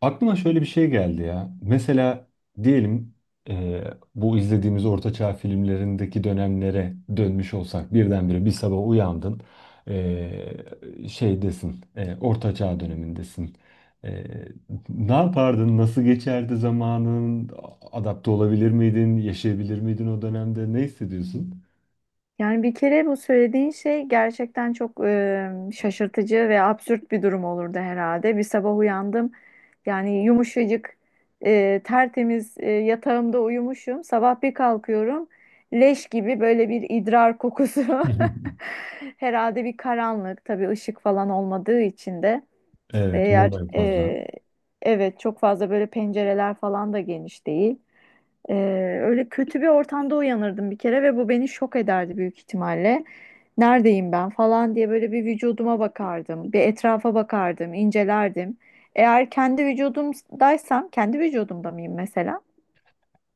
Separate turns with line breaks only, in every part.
Aklıma şöyle bir şey geldi ya. Mesela diyelim, e, bu izlediğimiz ortaçağ filmlerindeki dönemlere dönmüş olsak birdenbire bir sabah uyandın, şeydesin, ortaçağ dönemindesin. E, ne yapardın? Nasıl geçerdi zamanın? Adapte olabilir miydin? Yaşayabilir miydin o dönemde? Ne hissediyorsun?
Yani bir kere bu söylediğin şey gerçekten çok şaşırtıcı ve absürt bir durum olurdu herhalde. Bir sabah uyandım, yani yumuşacık, tertemiz, yatağımda uyumuşum. Sabah bir kalkıyorum, leş gibi böyle bir idrar kokusu. Herhalde bir karanlık, tabii ışık falan olmadığı için de,
Evet,
eğer
mum en fazla.
evet çok fazla böyle pencereler falan da geniş değil. E, Öyle kötü bir ortamda uyanırdım bir kere ve bu beni şok ederdi büyük ihtimalle. Neredeyim ben falan diye böyle bir vücuduma bakardım, bir etrafa bakardım, incelerdim. Eğer kendi vücudumdaysam, kendi vücudumda mıyım mesela?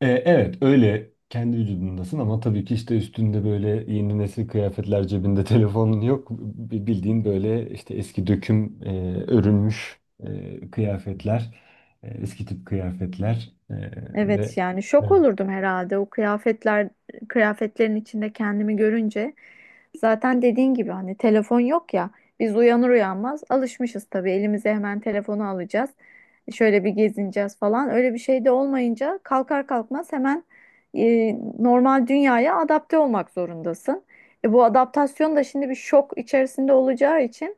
Evet, öyle kendi vücudundasın ama tabii ki işte üstünde böyle yeni nesil kıyafetler, cebinde telefonun yok. Bildiğin böyle işte eski döküm, örülmüş kıyafetler, eski tip kıyafetler
Evet,
ve
yani şok
evet.
olurdum herhalde o kıyafetler, kıyafetlerin içinde kendimi görünce. Zaten dediğin gibi hani telefon yok ya. Biz uyanır uyanmaz alışmışız tabii, elimize hemen telefonu alacağız. Şöyle bir gezineceğiz falan. Öyle bir şey de olmayınca kalkar kalkmaz hemen normal dünyaya adapte olmak zorundasın. Bu adaptasyon da şimdi bir şok içerisinde olacağı için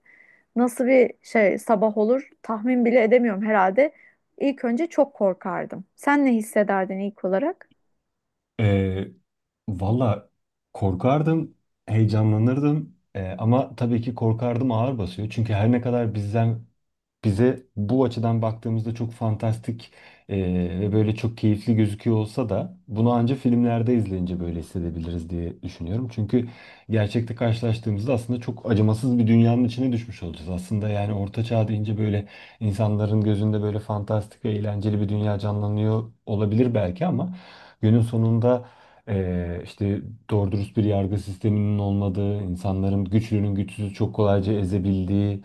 nasıl bir şey sabah olur tahmin bile edemiyorum herhalde. İlk önce çok korkardım. Sen ne hissederdin ilk olarak?
E, Valla korkardım, heyecanlanırdım. Ama tabii ki korkardım ağır basıyor. Çünkü her ne kadar bizden bize bu açıdan baktığımızda çok fantastik ve böyle çok keyifli gözüküyor olsa da bunu ancak filmlerde izleyince böyle hissedebiliriz diye düşünüyorum. Çünkü gerçekte karşılaştığımızda aslında çok acımasız bir dünyanın içine düşmüş olacağız. Aslında yani orta çağ deyince böyle insanların gözünde böyle fantastik ve eğlenceli bir dünya canlanıyor olabilir belki ama günün sonunda işte doğru dürüst bir yargı sisteminin olmadığı, insanların güçlünün güçsüzü çok kolayca ezebildiği,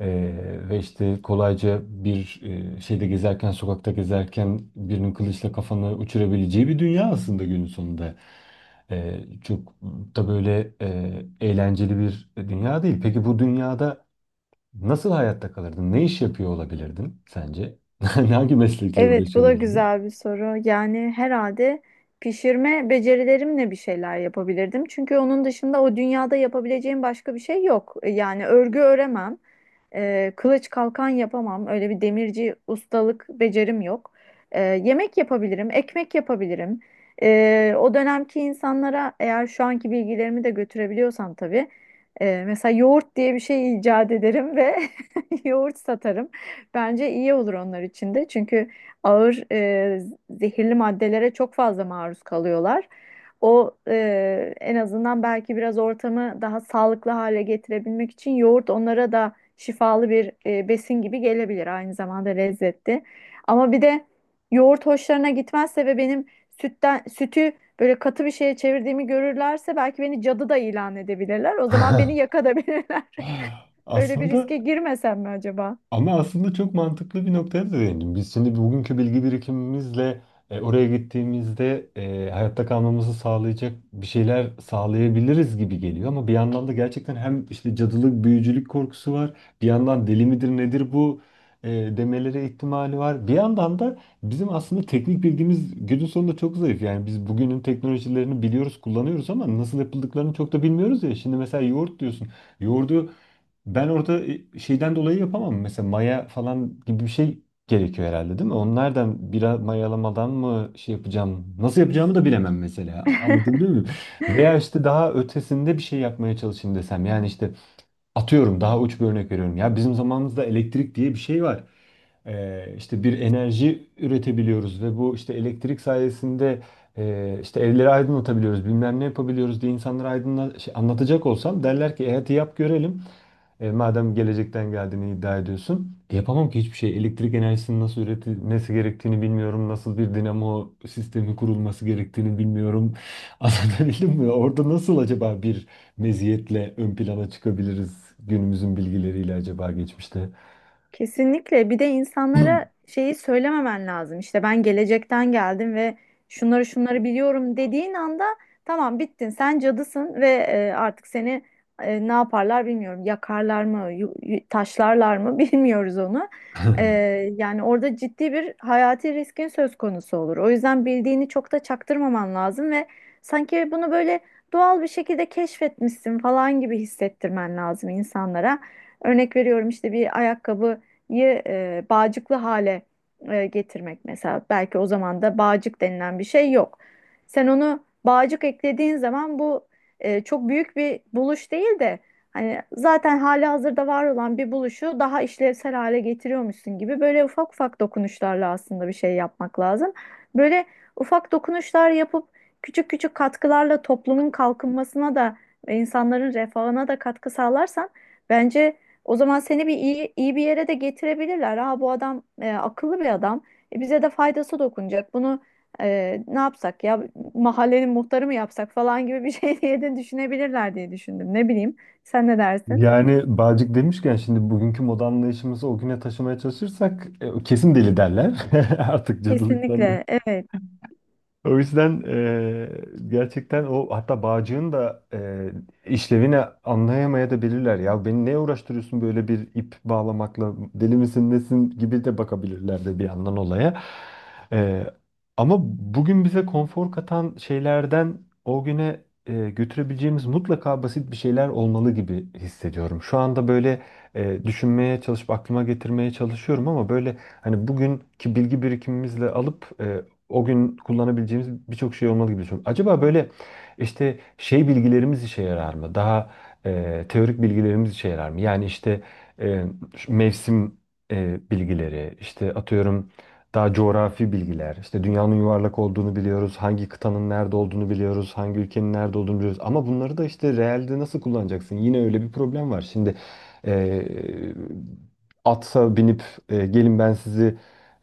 ve işte kolayca bir e, şeyde gezerken, sokakta gezerken birinin kılıçla kafanı uçurabileceği bir dünya aslında günün sonunda. Çok da böyle eğlenceli bir dünya değil. Peki bu dünyada nasıl hayatta kalırdın? Ne iş yapıyor olabilirdin sence? Hangi meslekle
Evet, bu
uğraşıyor
da
olabilirdin?
güzel bir soru. Yani herhalde pişirme becerilerimle bir şeyler yapabilirdim. Çünkü onun dışında o dünyada yapabileceğim başka bir şey yok. Yani örgü öremem. Kılıç kalkan yapamam. Öyle bir demirci ustalık becerim yok. Yemek yapabilirim, ekmek yapabilirim. O dönemki insanlara eğer şu anki bilgilerimi de götürebiliyorsam tabii, mesela yoğurt diye bir şey icat ederim ve yoğurt satarım. Bence iyi olur onlar için de. Çünkü ağır zehirli maddelere çok fazla maruz kalıyorlar. En azından belki biraz ortamı daha sağlıklı hale getirebilmek için yoğurt onlara da şifalı bir besin gibi gelebilir, aynı zamanda lezzetli. Ama bir de yoğurt hoşlarına gitmezse ve benim sütü böyle katı bir şeye çevirdiğimi görürlerse belki beni cadı da ilan edebilirler. O zaman beni yakabilirler. Öyle bir
Aslında
riske girmesem mi acaba?
Ama aslında çok mantıklı bir noktaya da değindim. Biz şimdi bugünkü bilgi birikimimizle oraya gittiğimizde hayatta kalmamızı sağlayacak bir şeyler sağlayabiliriz gibi geliyor. Ama bir yandan da gerçekten hem işte cadılık, büyücülük korkusu var. Bir yandan deli midir nedir bu e, demelere ihtimali var. Bir yandan da bizim aslında teknik bilgimiz günün sonunda çok zayıf. Yani biz bugünün teknolojilerini biliyoruz, kullanıyoruz ama nasıl yapıldıklarını çok da bilmiyoruz ya. Şimdi mesela yoğurt diyorsun. Yoğurdu ben orada şeyden dolayı yapamam. Mesela maya falan gibi bir şey gerekiyor herhalde, değil mi? Onlardan biraz mayalamadan mı şey yapacağım? Nasıl yapacağımı da bilemem mesela. Anlatabiliyor muyum? Veya işte daha ötesinde bir şey yapmaya çalışayım desem. Yani işte atıyorum, daha uç bir örnek veriyorum. Ya bizim zamanımızda elektrik diye bir şey var. İşte bir enerji üretebiliyoruz ve bu işte elektrik sayesinde işte evleri aydınlatabiliyoruz, bilmem ne yapabiliyoruz diye insanlara aydınla, şey, anlatacak olsam derler ki hadi yap görelim. Madem gelecekten geldiğini iddia ediyorsun. Yapamam ki hiçbir şey. Elektrik enerjisinin nasıl üretilmesi gerektiğini bilmiyorum. Nasıl bir dinamo sistemi kurulması gerektiğini bilmiyorum. Anlatabildim mi? Orada nasıl acaba bir meziyetle ön plana çıkabiliriz günümüzün bilgileriyle acaba geçmişte?
Kesinlikle. Bir de insanlara şeyi söylememen lazım. İşte ben gelecekten geldim ve şunları şunları biliyorum dediğin anda tamam, bittin. Sen cadısın ve artık seni ne yaparlar bilmiyorum. Yakarlar mı, taşlarlar mı bilmiyoruz onu. E, Yani orada ciddi bir hayati riskin söz konusu olur. O yüzden bildiğini çok da çaktırmaman lazım ve sanki bunu böyle doğal bir şekilde keşfetmişsin falan gibi hissettirmen lazım insanlara. Örnek veriyorum, işte bir ayakkabı bağcıklı hale getirmek mesela. Belki o zaman da bağcık denilen bir şey yok. Sen onu bağcık eklediğin zaman bu çok büyük bir buluş değil de hani zaten hali hazırda var olan bir buluşu daha işlevsel hale getiriyormuşsun gibi, böyle ufak ufak dokunuşlarla aslında bir şey yapmak lazım. Böyle ufak dokunuşlar yapıp küçük küçük katkılarla toplumun kalkınmasına da ve insanların refahına da katkı sağlarsan bence o zaman seni iyi, iyi bir yere de getirebilirler. Ha, bu adam akıllı bir adam. Bize de faydası dokunacak. Bunu ne yapsak ya, mahallenin muhtarı mı yapsak falan gibi bir şey diye de düşünebilirler diye düşündüm. Ne bileyim. Sen ne dersin?
Yani bağcık demişken şimdi bugünkü moda anlayışımızı o güne taşımaya çalışırsak kesin deli derler. Artık cadılıktan
Kesinlikle. Evet.
O yüzden gerçekten o, hatta bağcığın da işlevini anlayamaya da bilirler. Ya beni neye uğraştırıyorsun böyle bir ip bağlamakla, deli misin nesin gibi de bakabilirler de bir yandan olaya. Eee, ama bugün bize konfor katan şeylerden o güne götürebileceğimiz mutlaka basit bir şeyler olmalı gibi hissediyorum. Şu anda böyle düşünmeye çalışıp aklıma getirmeye çalışıyorum ama böyle hani bugünkü bilgi birikimimizle alıp o gün kullanabileceğimiz birçok şey olmalı gibi düşünüyorum. Acaba böyle işte şey bilgilerimiz işe yarar mı? Daha teorik bilgilerimiz işe yarar mı? Yani işte e, şu mevsim bilgileri, işte atıyorum daha coğrafi bilgiler, işte dünyanın yuvarlak olduğunu biliyoruz, hangi kıtanın nerede olduğunu biliyoruz, hangi ülkenin nerede olduğunu biliyoruz. Ama bunları da işte realde nasıl kullanacaksın? Yine öyle bir problem var. Şimdi e, atsa binip gelin ben sizi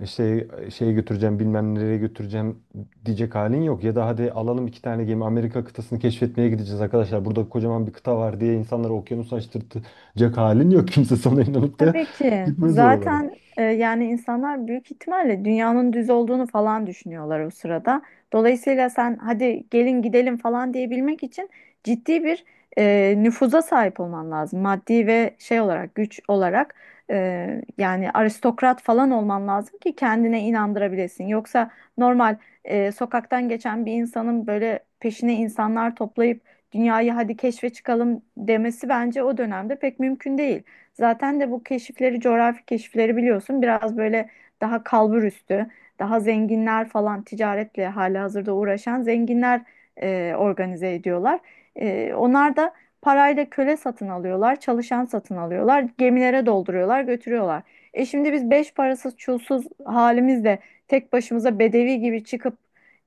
şey şeye götüreceğim, bilmem nereye götüreceğim diyecek halin yok. Ya da hadi alalım iki tane gemi, Amerika kıtasını keşfetmeye gideceğiz arkadaşlar. Burada kocaman bir kıta var diye insanları okyanusa açtırtacak halin yok. Kimse sana inanıp da
Tabii ki.
gitmez oralara.
Zaten yani insanlar büyük ihtimalle dünyanın düz olduğunu falan düşünüyorlar o sırada. Dolayısıyla sen hadi gelin gidelim falan diyebilmek için ciddi bir nüfuza sahip olman lazım. Maddi ve şey olarak, güç olarak, e, yani aristokrat falan olman lazım ki kendine inandırabilesin. Yoksa normal sokaktan geçen bir insanın böyle peşine insanlar toplayıp dünyayı hadi keşfe çıkalım demesi bence o dönemde pek mümkün değil. Zaten de bu keşifleri, coğrafi keşifleri biliyorsun, biraz böyle daha kalbur üstü, daha zenginler falan, ticaretle halihazırda uğraşan zenginler organize ediyorlar. Onlar da parayla köle satın alıyorlar, çalışan satın alıyorlar, gemilere dolduruyorlar, götürüyorlar. E şimdi biz beş parasız, çulsuz halimizle tek başımıza bedevi gibi çıkıp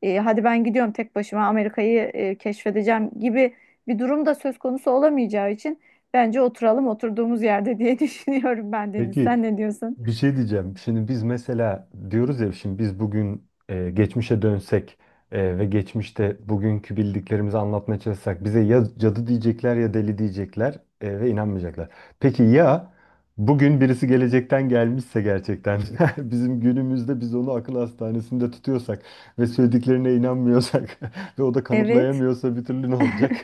hadi ben gidiyorum tek başıma Amerika'yı keşfedeceğim gibi bir durum da söz konusu olamayacağı için bence oturalım oturduğumuz yerde diye düşünüyorum ben, Deniz.
Peki,
Sen ne diyorsun?
bir şey diyeceğim. Şimdi biz mesela diyoruz ya, şimdi biz bugün geçmişe dönsek ve geçmişte bugünkü bildiklerimizi anlatmaya çalışsak bize ya cadı diyecekler ya deli diyecekler, ve inanmayacaklar. Peki ya bugün birisi gelecekten gelmişse gerçekten bizim günümüzde biz onu akıl hastanesinde tutuyorsak ve söylediklerine inanmıyorsak ve o da
Evet.
kanıtlayamıyorsa bir türlü, ne olacak?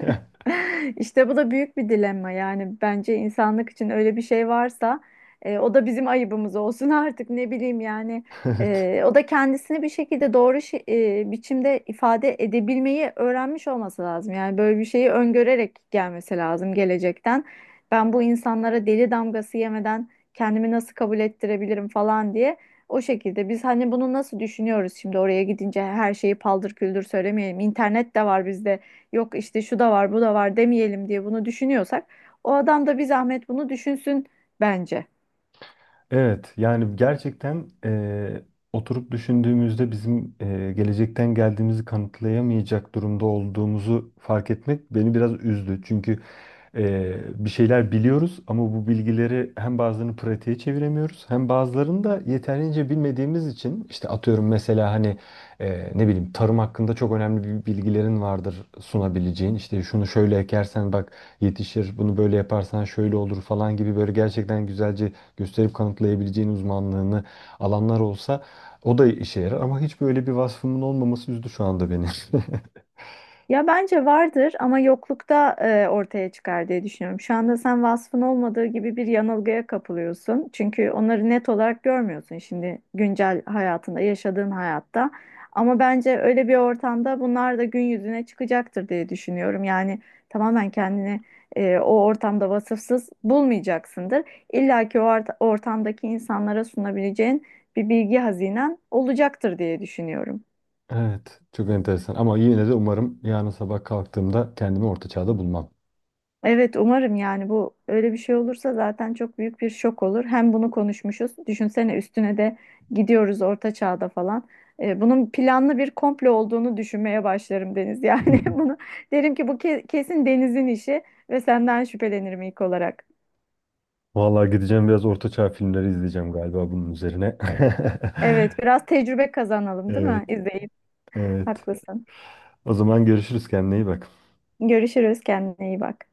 İşte bu da büyük bir dilemma. Yani bence insanlık için öyle bir şey varsa o da bizim ayıbımız olsun, artık ne bileyim yani.
Evet.
O da kendisini bir şekilde doğru biçimde ifade edebilmeyi öğrenmiş olması lazım. Yani böyle bir şeyi öngörerek gelmesi lazım gelecekten. Ben bu insanlara deli damgası yemeden kendimi nasıl kabul ettirebilirim falan diye. O şekilde biz hani bunu nasıl düşünüyoruz, şimdi oraya gidince her şeyi paldır küldür söylemeyelim. İnternet de var bizde, yok işte şu da var bu da var demeyelim diye bunu düşünüyorsak o adam da bir zahmet bunu düşünsün bence.
Evet, yani gerçekten oturup düşündüğümüzde bizim gelecekten geldiğimizi kanıtlayamayacak durumda olduğumuzu fark etmek beni biraz üzdü. Çünkü bir şeyler biliyoruz ama bu bilgileri hem bazılarını pratiğe çeviremiyoruz hem bazılarını da yeterince bilmediğimiz için, işte atıyorum mesela hani ne bileyim tarım hakkında çok önemli bir bilgilerin vardır sunabileceğin. İşte şunu şöyle ekersen bak yetişir, bunu böyle yaparsan şöyle olur falan gibi böyle gerçekten güzelce gösterip kanıtlayabileceğin uzmanlığını alanlar olsa o da işe yarar ama hiç böyle bir vasfımın olmaması üzdü şu anda beni.
Ya bence vardır ama yoklukta ortaya çıkar diye düşünüyorum. Şu anda sen vasfın olmadığı gibi bir yanılgıya kapılıyorsun. Çünkü onları net olarak görmüyorsun şimdi güncel hayatında, yaşadığın hayatta. Ama bence öyle bir ortamda bunlar da gün yüzüne çıkacaktır diye düşünüyorum. Yani tamamen kendini o ortamda vasıfsız bulmayacaksındır. İlla ki ortamdaki insanlara sunabileceğin bir bilgi hazinen olacaktır diye düşünüyorum.
Evet, çok enteresan ama yine de umarım yarın sabah kalktığımda kendimi orta çağda bulmam.
Evet, umarım. Yani bu öyle bir şey olursa zaten çok büyük bir şok olur. Hem bunu konuşmuşuz. Düşünsene, üstüne de gidiyoruz orta çağda falan. Bunun planlı bir komplo olduğunu düşünmeye başlarım Deniz. Yani bunu derim ki bu kesin Deniz'in işi ve senden şüphelenirim ilk olarak.
Vallahi gideceğim biraz orta çağ filmleri izleyeceğim galiba bunun üzerine.
Evet, biraz tecrübe kazanalım değil mi?
Evet,
İzleyip
evet.
haklısın.
O zaman görüşürüz, kendine iyi bak.
Görüşürüz, kendine iyi bak.